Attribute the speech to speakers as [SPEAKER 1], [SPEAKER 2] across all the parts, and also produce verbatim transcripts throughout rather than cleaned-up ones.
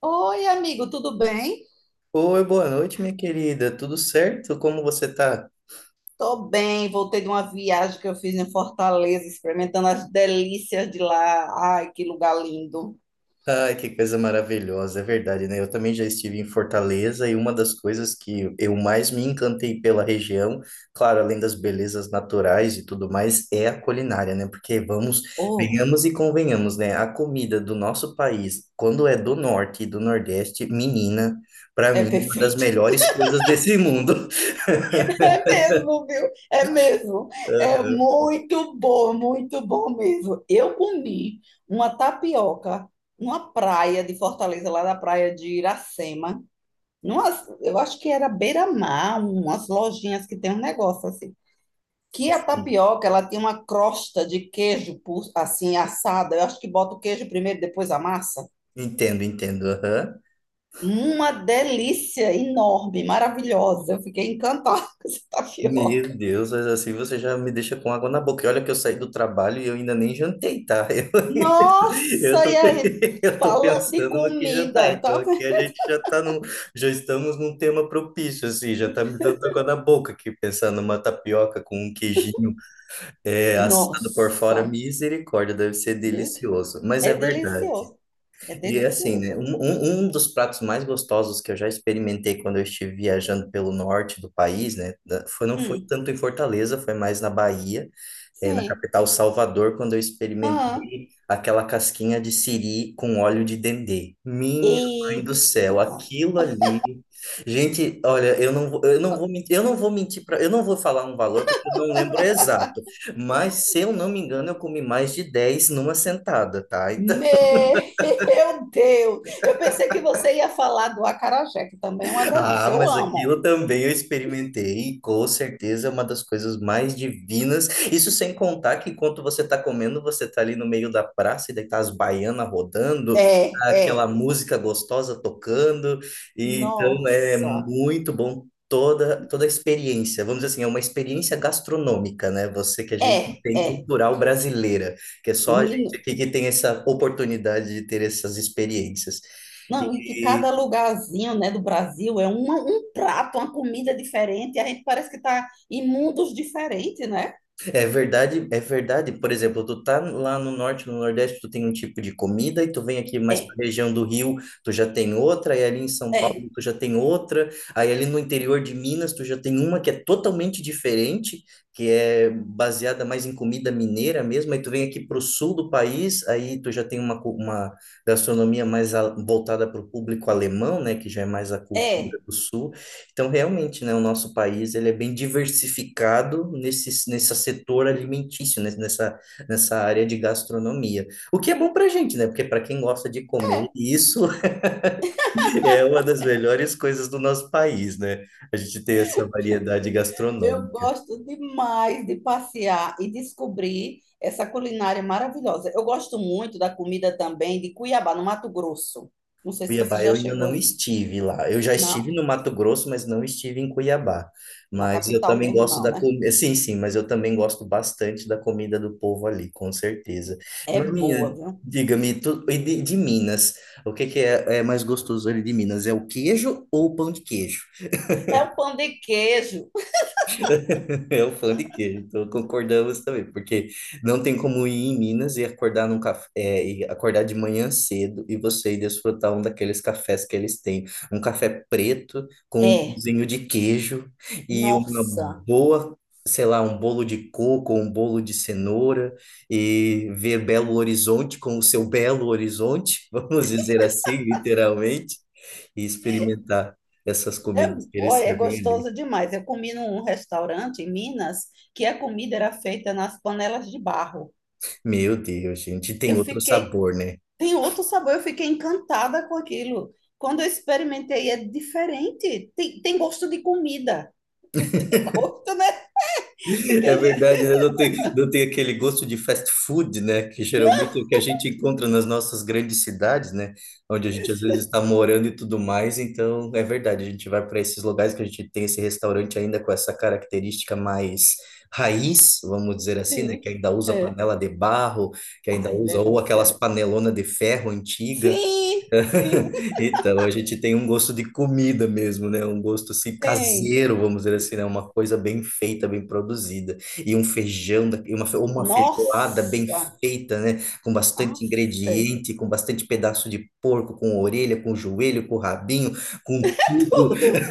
[SPEAKER 1] Oi, amigo, tudo bem?
[SPEAKER 2] Oi, boa noite, minha querida. Tudo certo? Como você tá?
[SPEAKER 1] Tô bem, voltei de uma viagem que eu fiz em Fortaleza, experimentando as delícias de lá. Ai, que lugar lindo.
[SPEAKER 2] Ai, que coisa maravilhosa, é verdade, né? Eu também já estive em Fortaleza e uma das coisas que eu mais me encantei pela região, claro, além das belezas naturais e tudo mais, é a culinária, né? Porque vamos,
[SPEAKER 1] Oh,
[SPEAKER 2] venhamos e convenhamos, né? A comida do nosso país, quando é do norte e do nordeste, menina, para
[SPEAKER 1] é
[SPEAKER 2] mim, é uma das
[SPEAKER 1] perfeito.
[SPEAKER 2] melhores coisas desse mundo.
[SPEAKER 1] É mesmo, viu? É mesmo. É
[SPEAKER 2] Aham,
[SPEAKER 1] muito bom, muito bom mesmo. Eu comi uma tapioca numa praia de Fortaleza, lá da praia de Iracema. Numas, eu acho que era beira-mar, umas lojinhas que tem um negócio assim, que a
[SPEAKER 2] sim.
[SPEAKER 1] tapioca ela tem uma crosta de queijo assim assada. Eu acho que bota o queijo primeiro, depois a massa.
[SPEAKER 2] Entendo, entendo. Aham.
[SPEAKER 1] Uma delícia enorme, maravilhosa. Eu fiquei encantada com essa
[SPEAKER 2] Meu
[SPEAKER 1] tapioca.
[SPEAKER 2] Deus, mas assim você já me deixa com água na boca. E olha que eu saí do trabalho e eu ainda nem jantei, tá? Eu, eu
[SPEAKER 1] Nossa, e
[SPEAKER 2] tô,
[SPEAKER 1] aí,
[SPEAKER 2] eu tô
[SPEAKER 1] falando de
[SPEAKER 2] pensando no que jantar.
[SPEAKER 1] comida,
[SPEAKER 2] Então
[SPEAKER 1] tá
[SPEAKER 2] aqui
[SPEAKER 1] vendo?
[SPEAKER 2] a gente já tá num, já estamos num tema propício, assim, já tá me dando água na boca aqui, pensando numa tapioca com um queijinho é, assado por fora.
[SPEAKER 1] Nossa,
[SPEAKER 2] Misericórdia, deve ser delicioso. Mas é
[SPEAKER 1] é
[SPEAKER 2] verdade.
[SPEAKER 1] delicioso. É
[SPEAKER 2] E é assim, né? Um,
[SPEAKER 1] delicioso.
[SPEAKER 2] um, um dos pratos mais gostosos que eu já experimentei quando eu estive viajando pelo norte do país, né? Da- Foi, não foi
[SPEAKER 1] Hum,
[SPEAKER 2] tanto em Fortaleza, foi mais na Bahia, eh, na
[SPEAKER 1] sim.
[SPEAKER 2] capital Salvador, quando eu
[SPEAKER 1] Aham.
[SPEAKER 2] experimentei aquela casquinha de siri com óleo de dendê. Minha mãe
[SPEAKER 1] Eita,
[SPEAKER 2] do céu, aquilo ali. Gente, olha, eu não, vou- eu não vou mentir, eu não vou mentir para, eu não vou falar um valor porque eu não lembro exato, mas se eu não me engano, eu comi mais de dez numa sentada, tá? Então,
[SPEAKER 1] meu Deus! Eu pensei que você ia falar do acarajé, que também é uma
[SPEAKER 2] ah,
[SPEAKER 1] delícia. Eu
[SPEAKER 2] mas
[SPEAKER 1] amo.
[SPEAKER 2] aquilo também eu experimentei, e com certeza é uma das coisas mais divinas. Isso sem contar que enquanto você está comendo, você está ali no meio da praça e daí tá as baianas rodando,
[SPEAKER 1] É,
[SPEAKER 2] tá aquela
[SPEAKER 1] é.
[SPEAKER 2] música gostosa tocando. E então é
[SPEAKER 1] Nossa.
[SPEAKER 2] muito bom toda toda a experiência. Vamos dizer assim, é uma experiência gastronômica, né? Você que a gente
[SPEAKER 1] É,
[SPEAKER 2] tem
[SPEAKER 1] é.
[SPEAKER 2] cultural brasileira, que é só a
[SPEAKER 1] Menino,
[SPEAKER 2] gente aqui que tem essa oportunidade de ter essas experiências.
[SPEAKER 1] não, e que
[SPEAKER 2] E
[SPEAKER 1] cada lugarzinho, né, do Brasil é uma- um prato, uma comida diferente, e a gente parece que tá em mundos diferentes, né?
[SPEAKER 2] É verdade, é verdade. Por exemplo, tu tá lá no norte, no nordeste, tu tem um tipo de comida, e tu vem aqui mais para
[SPEAKER 1] É,
[SPEAKER 2] a região do Rio, tu já tem outra, e ali em São Paulo
[SPEAKER 1] é,
[SPEAKER 2] tu já tem outra, aí ali no interior de Minas tu já tem uma que é totalmente diferente, que é baseada mais em comida mineira mesmo, aí tu vem aqui para o sul do país, aí tu já tem uma, cu- uma gastronomia mais a- voltada para o público alemão, né, que já é mais a cultura
[SPEAKER 1] é.
[SPEAKER 2] do sul. Então, realmente, né, o nosso país ele é bem diversificado nesse, nesse setor alimentício, né, nessa, nessa área de gastronomia. O que é bom para a gente, né? Porque para quem gosta de comer, isso é uma das melhores coisas do nosso país, né? A gente tem essa variedade
[SPEAKER 1] Eu
[SPEAKER 2] gastronômica.
[SPEAKER 1] gosto demais de passear e descobrir essa culinária maravilhosa. Eu gosto muito da comida também de Cuiabá, no Mato Grosso. Não sei se você
[SPEAKER 2] Cuiabá eu
[SPEAKER 1] já
[SPEAKER 2] ainda
[SPEAKER 1] chegou
[SPEAKER 2] não
[SPEAKER 1] aí.
[SPEAKER 2] estive lá. Eu já estive
[SPEAKER 1] Não,
[SPEAKER 2] no Mato Grosso, mas não estive em Cuiabá.
[SPEAKER 1] na
[SPEAKER 2] Mas eu
[SPEAKER 1] capital
[SPEAKER 2] também
[SPEAKER 1] mesmo
[SPEAKER 2] gosto
[SPEAKER 1] não,
[SPEAKER 2] da
[SPEAKER 1] né?
[SPEAKER 2] comida. Sim, sim, mas eu também gosto bastante da comida do povo ali, com certeza.
[SPEAKER 1] É
[SPEAKER 2] Mas, minha,
[SPEAKER 1] boa, viu?
[SPEAKER 2] diga-me, tu... e de, de Minas, o que que é, é mais gostoso ali de Minas? É o queijo ou o pão de queijo?
[SPEAKER 1] É o pão de queijo.
[SPEAKER 2] É o fã de queijo, então concordamos também, porque não tem como ir em Minas e acordar num café, é, e acordar de manhã cedo e você ir desfrutar um daqueles cafés que eles têm, um café preto com um
[SPEAKER 1] É,
[SPEAKER 2] pãozinho de queijo e uma
[SPEAKER 1] nossa.
[SPEAKER 2] boa, sei lá, um bolo de coco, um bolo de cenoura e ver Belo Horizonte com o seu Belo Horizonte, vamos dizer assim, literalmente, e experimentar essas
[SPEAKER 1] É,
[SPEAKER 2] comidas que eles
[SPEAKER 1] olha, é
[SPEAKER 2] servem ali.
[SPEAKER 1] gostoso demais. Eu comi num restaurante em Minas que a comida era feita nas panelas de barro.
[SPEAKER 2] Meu Deus, gente, tem
[SPEAKER 1] Eu
[SPEAKER 2] outro
[SPEAKER 1] fiquei,
[SPEAKER 2] sabor, né?
[SPEAKER 1] tem outro sabor, eu fiquei encantada com aquilo. Quando eu experimentei, é diferente. Tem, tem gosto de comida. Tem gosto, né? Porque
[SPEAKER 2] É
[SPEAKER 1] a gente.
[SPEAKER 2] verdade, né? Não tem, não tem aquele gosto de fast food, né? Que
[SPEAKER 1] Não.
[SPEAKER 2] geralmente é o que a gente encontra nas nossas grandes cidades, né? Onde a gente às vezes está morando e tudo mais. Então, é verdade, a gente vai para esses lugares que a gente tem esse restaurante ainda com essa característica mais raiz, vamos dizer assim, né? Que
[SPEAKER 1] Sim,
[SPEAKER 2] ainda usa
[SPEAKER 1] é.
[SPEAKER 2] panela de barro, que ainda
[SPEAKER 1] Ai,
[SPEAKER 2] usa ou aquelas
[SPEAKER 1] delícia.
[SPEAKER 2] panelonas de ferro antiga.
[SPEAKER 1] Sim, sim,
[SPEAKER 2] Então, a gente tem um gosto de comida mesmo, né? Um gosto assim
[SPEAKER 1] tem.
[SPEAKER 2] caseiro, vamos dizer assim, né? Uma coisa bem feita, bem produzida. E um feijão, da- e uma, fe- uma feijoada bem
[SPEAKER 1] Nossa,
[SPEAKER 2] feita, né? Com bastante
[SPEAKER 1] afe.
[SPEAKER 2] ingrediente, com bastante pedaço de porco, com orelha, com joelho, com rabinho, com tudo.
[SPEAKER 1] Tudo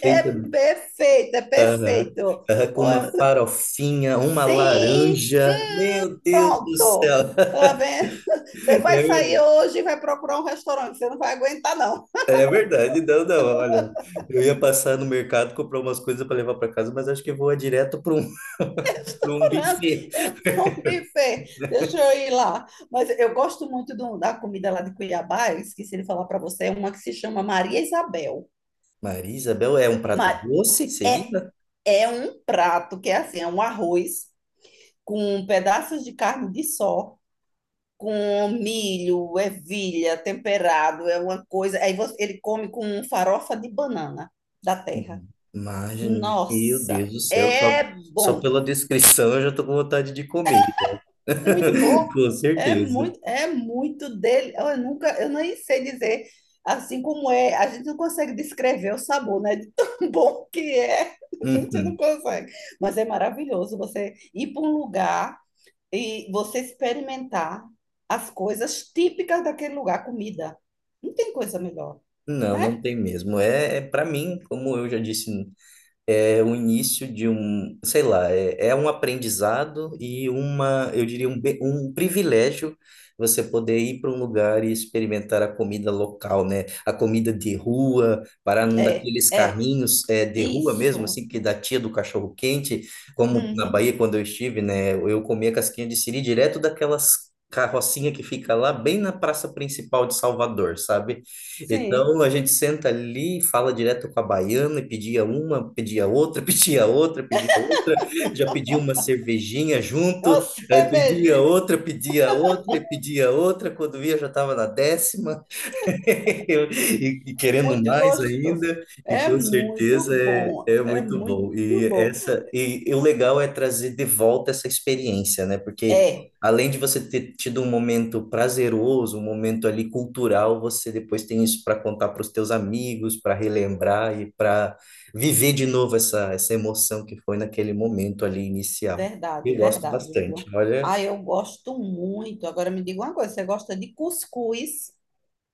[SPEAKER 1] é perfeito, é perfeito.
[SPEAKER 2] ah, com
[SPEAKER 1] Ó,
[SPEAKER 2] uma farofinha, uma
[SPEAKER 1] sim,
[SPEAKER 2] laranja. Meu Deus do
[SPEAKER 1] pronto.
[SPEAKER 2] céu!
[SPEAKER 1] Lá vem. Você vai sair hoje e vai procurar um restaurante. Você não vai aguentar, não.
[SPEAKER 2] É verdade, não, não, olha, eu ia passar no mercado comprar umas coisas para levar para casa, mas acho que eu vou direto para um, para um
[SPEAKER 1] Procurando.
[SPEAKER 2] buffet.
[SPEAKER 1] Eu vou um buffet, deixa eu ir lá. Mas eu gosto muito do- da comida lá de Cuiabá, eu esqueci de falar para você, é uma que se chama Maria Isabel.
[SPEAKER 2] Maria Isabel, é um prato
[SPEAKER 1] Mas
[SPEAKER 2] doce, seria?
[SPEAKER 1] é um prato que é assim, é um arroz com pedaços de carne de sol, com milho, ervilha, temperado, é uma coisa. Aí você- ele come com farofa de banana da terra.
[SPEAKER 2] Mas, meu
[SPEAKER 1] Nossa,
[SPEAKER 2] Deus do céu, só,
[SPEAKER 1] é
[SPEAKER 2] só
[SPEAKER 1] bom.
[SPEAKER 2] pela descrição eu já tô com vontade de comer.
[SPEAKER 1] É muito bom.
[SPEAKER 2] Com
[SPEAKER 1] É
[SPEAKER 2] certeza.
[SPEAKER 1] muito, é muito dele. Eu nunca, eu nem sei dizer assim como é. A gente não consegue descrever o sabor, né? De tão bom que é. A gente não
[SPEAKER 2] Uhum.
[SPEAKER 1] consegue. Mas é maravilhoso você ir para um lugar e você experimentar as coisas típicas daquele lugar, comida. Não tem coisa melhor,
[SPEAKER 2] Não,
[SPEAKER 1] né?
[SPEAKER 2] não tem mesmo. É, é para mim, como eu já disse é o início de um, sei lá, é, é um aprendizado e uma, eu diria, um, be- um privilégio você poder ir para um lugar e experimentar a comida local, né? A comida de rua, parar num
[SPEAKER 1] É,
[SPEAKER 2] daqueles
[SPEAKER 1] é.
[SPEAKER 2] carrinhos é, de rua mesmo,
[SPEAKER 1] Isso.
[SPEAKER 2] assim, que da tia do cachorro-quente, como na
[SPEAKER 1] Uhum.
[SPEAKER 2] Bahia, quando eu estive, né? Eu comia casquinha de siri direto daquelas carrocinha que fica lá bem na praça principal de Salvador, sabe?
[SPEAKER 1] Sim.
[SPEAKER 2] Então a gente senta ali, fala direto com a baiana, e pedia uma, pedia outra, pedia outra, pedia outra, já pedia uma cervejinha
[SPEAKER 1] Uma
[SPEAKER 2] junto, aí pedia
[SPEAKER 1] cerveja.
[SPEAKER 2] outra, pedia outra, e pedia outra, quando via já estava na décima. E, e querendo
[SPEAKER 1] Muito
[SPEAKER 2] mais
[SPEAKER 1] gostoso.
[SPEAKER 2] ainda, e
[SPEAKER 1] É
[SPEAKER 2] com
[SPEAKER 1] muito
[SPEAKER 2] certeza é,
[SPEAKER 1] bom,
[SPEAKER 2] é
[SPEAKER 1] é
[SPEAKER 2] muito bom. E
[SPEAKER 1] muito bom.
[SPEAKER 2] essa e, e o legal é trazer de volta essa experiência, né? Porque
[SPEAKER 1] É,
[SPEAKER 2] além de você ter tido um momento prazeroso, um momento ali cultural, você depois tem isso para contar para os teus amigos, para relembrar e para viver de novo essa, essa emoção que foi naquele momento ali inicial.
[SPEAKER 1] verdade,
[SPEAKER 2] E gosto
[SPEAKER 1] verdade,
[SPEAKER 2] bastante.
[SPEAKER 1] viu?
[SPEAKER 2] Olha,
[SPEAKER 1] Ah, eu gosto muito. Agora me diga uma coisa, você gosta de cuscuz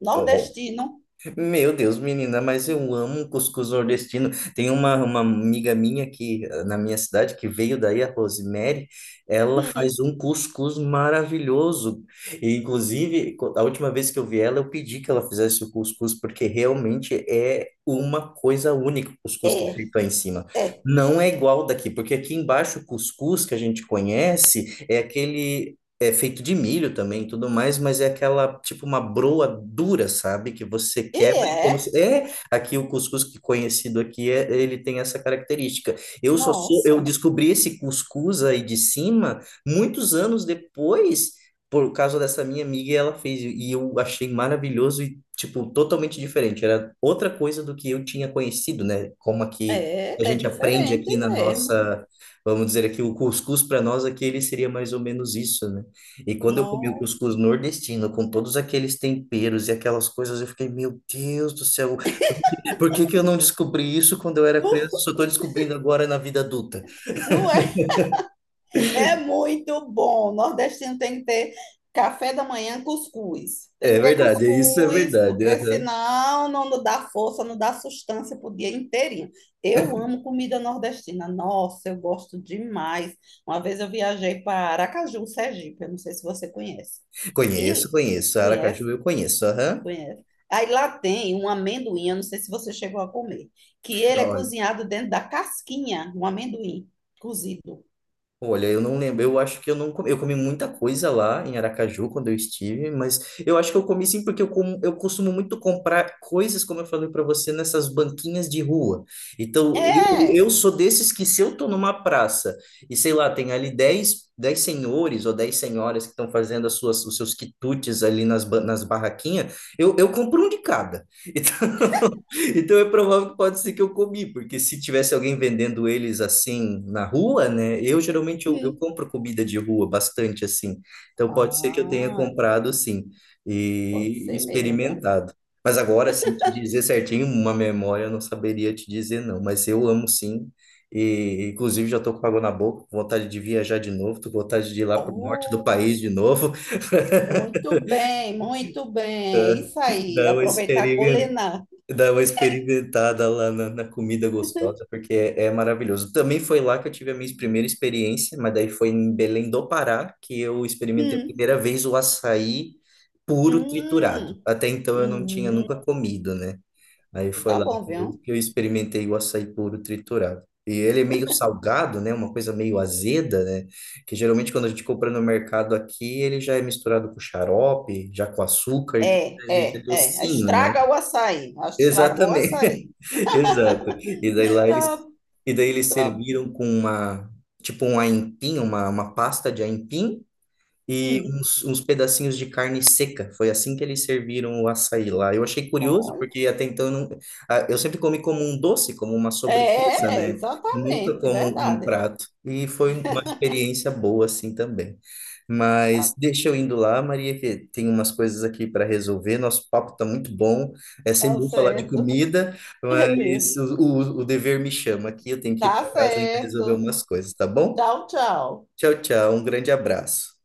[SPEAKER 1] nordestino?
[SPEAKER 2] meu Deus, menina, mas eu amo um cuscuz nordestino. Tem uma, uma amiga minha aqui eh, na minha cidade que veio daí, a Rosemary, ela faz
[SPEAKER 1] Hum,
[SPEAKER 2] um cuscuz maravilhoso. E, inclusive, co- a última vez que eu vi ela, eu pedi que ela fizesse o cuscuz, porque realmente é uma coisa única o cuscuz que é
[SPEAKER 1] é,
[SPEAKER 2] feito aí em cima.
[SPEAKER 1] é.
[SPEAKER 2] Não é igual daqui, porque aqui embaixo o cuscuz que a gente conhece é aquele é feito de milho também, e tudo mais, mas é aquela, tipo, uma broa dura, sabe? Que você
[SPEAKER 1] E
[SPEAKER 2] quebra e como
[SPEAKER 1] é?
[SPEAKER 2] se... É, aqui o cuscuz que conhecido aqui, é, ele tem essa característica. Eu só sou, eu
[SPEAKER 1] Nossa,
[SPEAKER 2] descobri esse cuscuz aí de cima muitos anos depois, por causa dessa minha amiga, e ela fez, e eu achei maravilhoso e, tipo, totalmente diferente. Era outra coisa do que eu tinha conhecido, né? Como aqui a
[SPEAKER 1] é, é
[SPEAKER 2] gente aprende
[SPEAKER 1] diferente
[SPEAKER 2] aqui na
[SPEAKER 1] mesmo.
[SPEAKER 2] nossa, vamos dizer aqui, o cuscuz para nós aqui, ele seria mais ou menos isso, né? E quando eu comi o
[SPEAKER 1] Nossa.
[SPEAKER 2] cuscuz nordestino, com todos aqueles temperos e aquelas coisas, eu fiquei, meu Deus do céu, por que que eu não descobri isso quando eu era criança? Só estou descobrindo agora na vida adulta.
[SPEAKER 1] Não é. É muito bom. Nordestino tem que ter café da manhã, cuscuz. Tem
[SPEAKER 2] É
[SPEAKER 1] que ter
[SPEAKER 2] verdade, isso é
[SPEAKER 1] cuscuz,
[SPEAKER 2] verdade.
[SPEAKER 1] porque
[SPEAKER 2] Aham.
[SPEAKER 1] senão não não dá força, não dá sustância para o dia inteirinho. Eu amo comida nordestina. Nossa, eu gosto demais. Uma vez eu viajei para Aracaju, Sergipe. Eu não sei se você conhece.
[SPEAKER 2] Conheço,
[SPEAKER 1] E
[SPEAKER 2] conheço. Aracaju
[SPEAKER 1] conhece?
[SPEAKER 2] eu conheço. Aham.
[SPEAKER 1] Conhece. Aí lá tem um amendoim, eu não sei se você chegou a comer, que ele é cozinhado dentro da casquinha, um amendoim cozido.
[SPEAKER 2] Olha, eu não lembro. Eu acho que eu não comi. Eu comi muita coisa lá em Aracaju quando eu estive, mas eu acho que eu comi sim porque eu, como, eu costumo muito comprar coisas, como eu falei para você, nessas banquinhas de rua. Então, eu,
[SPEAKER 1] É!
[SPEAKER 2] eu, sou desses que se eu tô numa praça e sei lá, tem ali dez dez senhores ou dez senhoras que estão fazendo as suas, os seus quitutes ali nas, ba- nas barraquinhas, eu, eu compro um de cada. Então, então é provável que pode ser que eu comi, porque se tivesse alguém vendendo eles assim na rua, né? Eu geralmente eu, eu
[SPEAKER 1] Hum.
[SPEAKER 2] compro comida de rua bastante assim. Então pode ser que eu tenha
[SPEAKER 1] Ah,
[SPEAKER 2] comprado sim
[SPEAKER 1] pode
[SPEAKER 2] e
[SPEAKER 1] ser mesmo, viu?
[SPEAKER 2] experimentado. Mas agora assim te dizer certinho uma memória eu não saberia te dizer não, mas eu amo sim. E inclusive já estou com água na boca, com vontade de viajar de novo, tô com vontade de ir lá para o norte do
[SPEAKER 1] Oh,
[SPEAKER 2] país de novo,
[SPEAKER 1] muito bem, muito bem. É isso aí,
[SPEAKER 2] dar uma
[SPEAKER 1] aproveitar a
[SPEAKER 2] experimentada.
[SPEAKER 1] colena.
[SPEAKER 2] Dá uma experimentada lá na, na comida gostosa, porque é, é maravilhoso. Também foi lá que eu tive a minha primeira experiência, mas daí foi em Belém do Pará que eu experimentei a
[SPEAKER 1] Hum,
[SPEAKER 2] primeira vez o açaí puro triturado.
[SPEAKER 1] hum,
[SPEAKER 2] Até então eu não tinha
[SPEAKER 1] hum.
[SPEAKER 2] nunca comido, né? Aí foi
[SPEAKER 1] Tá
[SPEAKER 2] lá
[SPEAKER 1] bom,
[SPEAKER 2] que eu,
[SPEAKER 1] viu?
[SPEAKER 2] que eu experimentei o açaí puro triturado. E ele é meio salgado, né? Uma coisa meio azeda, né? Que geralmente quando a gente compra no mercado aqui, ele já é misturado com xarope, já com açúcar, então
[SPEAKER 1] É,
[SPEAKER 2] ele já é
[SPEAKER 1] é, é.
[SPEAKER 2] docinho, né?
[SPEAKER 1] Estraga o açaí. Estragou o açaí.
[SPEAKER 2] Exatamente. Exato. E daí lá eles,
[SPEAKER 1] Tá,
[SPEAKER 2] e daí eles
[SPEAKER 1] tá.
[SPEAKER 2] serviram com uma, tipo um aipim, uma, uma pasta de aipim, e
[SPEAKER 1] Hum.
[SPEAKER 2] uns, uns pedacinhos de carne seca. Foi assim que eles serviram o açaí lá. Eu achei curioso,
[SPEAKER 1] Olha.
[SPEAKER 2] porque até então eu, não, ah, eu sempre comi como um doce, como uma sobremesa,
[SPEAKER 1] É, é,
[SPEAKER 2] né? Nunca
[SPEAKER 1] exatamente,
[SPEAKER 2] como um
[SPEAKER 1] verdade.
[SPEAKER 2] prato. E foi uma experiência boa assim também.
[SPEAKER 1] Tá,
[SPEAKER 2] Mas deixa eu indo lá, Maria, que tem umas coisas aqui para resolver. Nosso papo tá muito bom. É sempre
[SPEAKER 1] tá
[SPEAKER 2] bom falar de
[SPEAKER 1] certo.
[SPEAKER 2] comida,
[SPEAKER 1] É
[SPEAKER 2] mas
[SPEAKER 1] mesmo.
[SPEAKER 2] o, o, o dever me chama aqui. Eu tenho que ir
[SPEAKER 1] Tá
[SPEAKER 2] para casa ainda resolver
[SPEAKER 1] certo.
[SPEAKER 2] umas coisas, tá bom?
[SPEAKER 1] Tchau, tchau.
[SPEAKER 2] Tchau, tchau. Um grande abraço.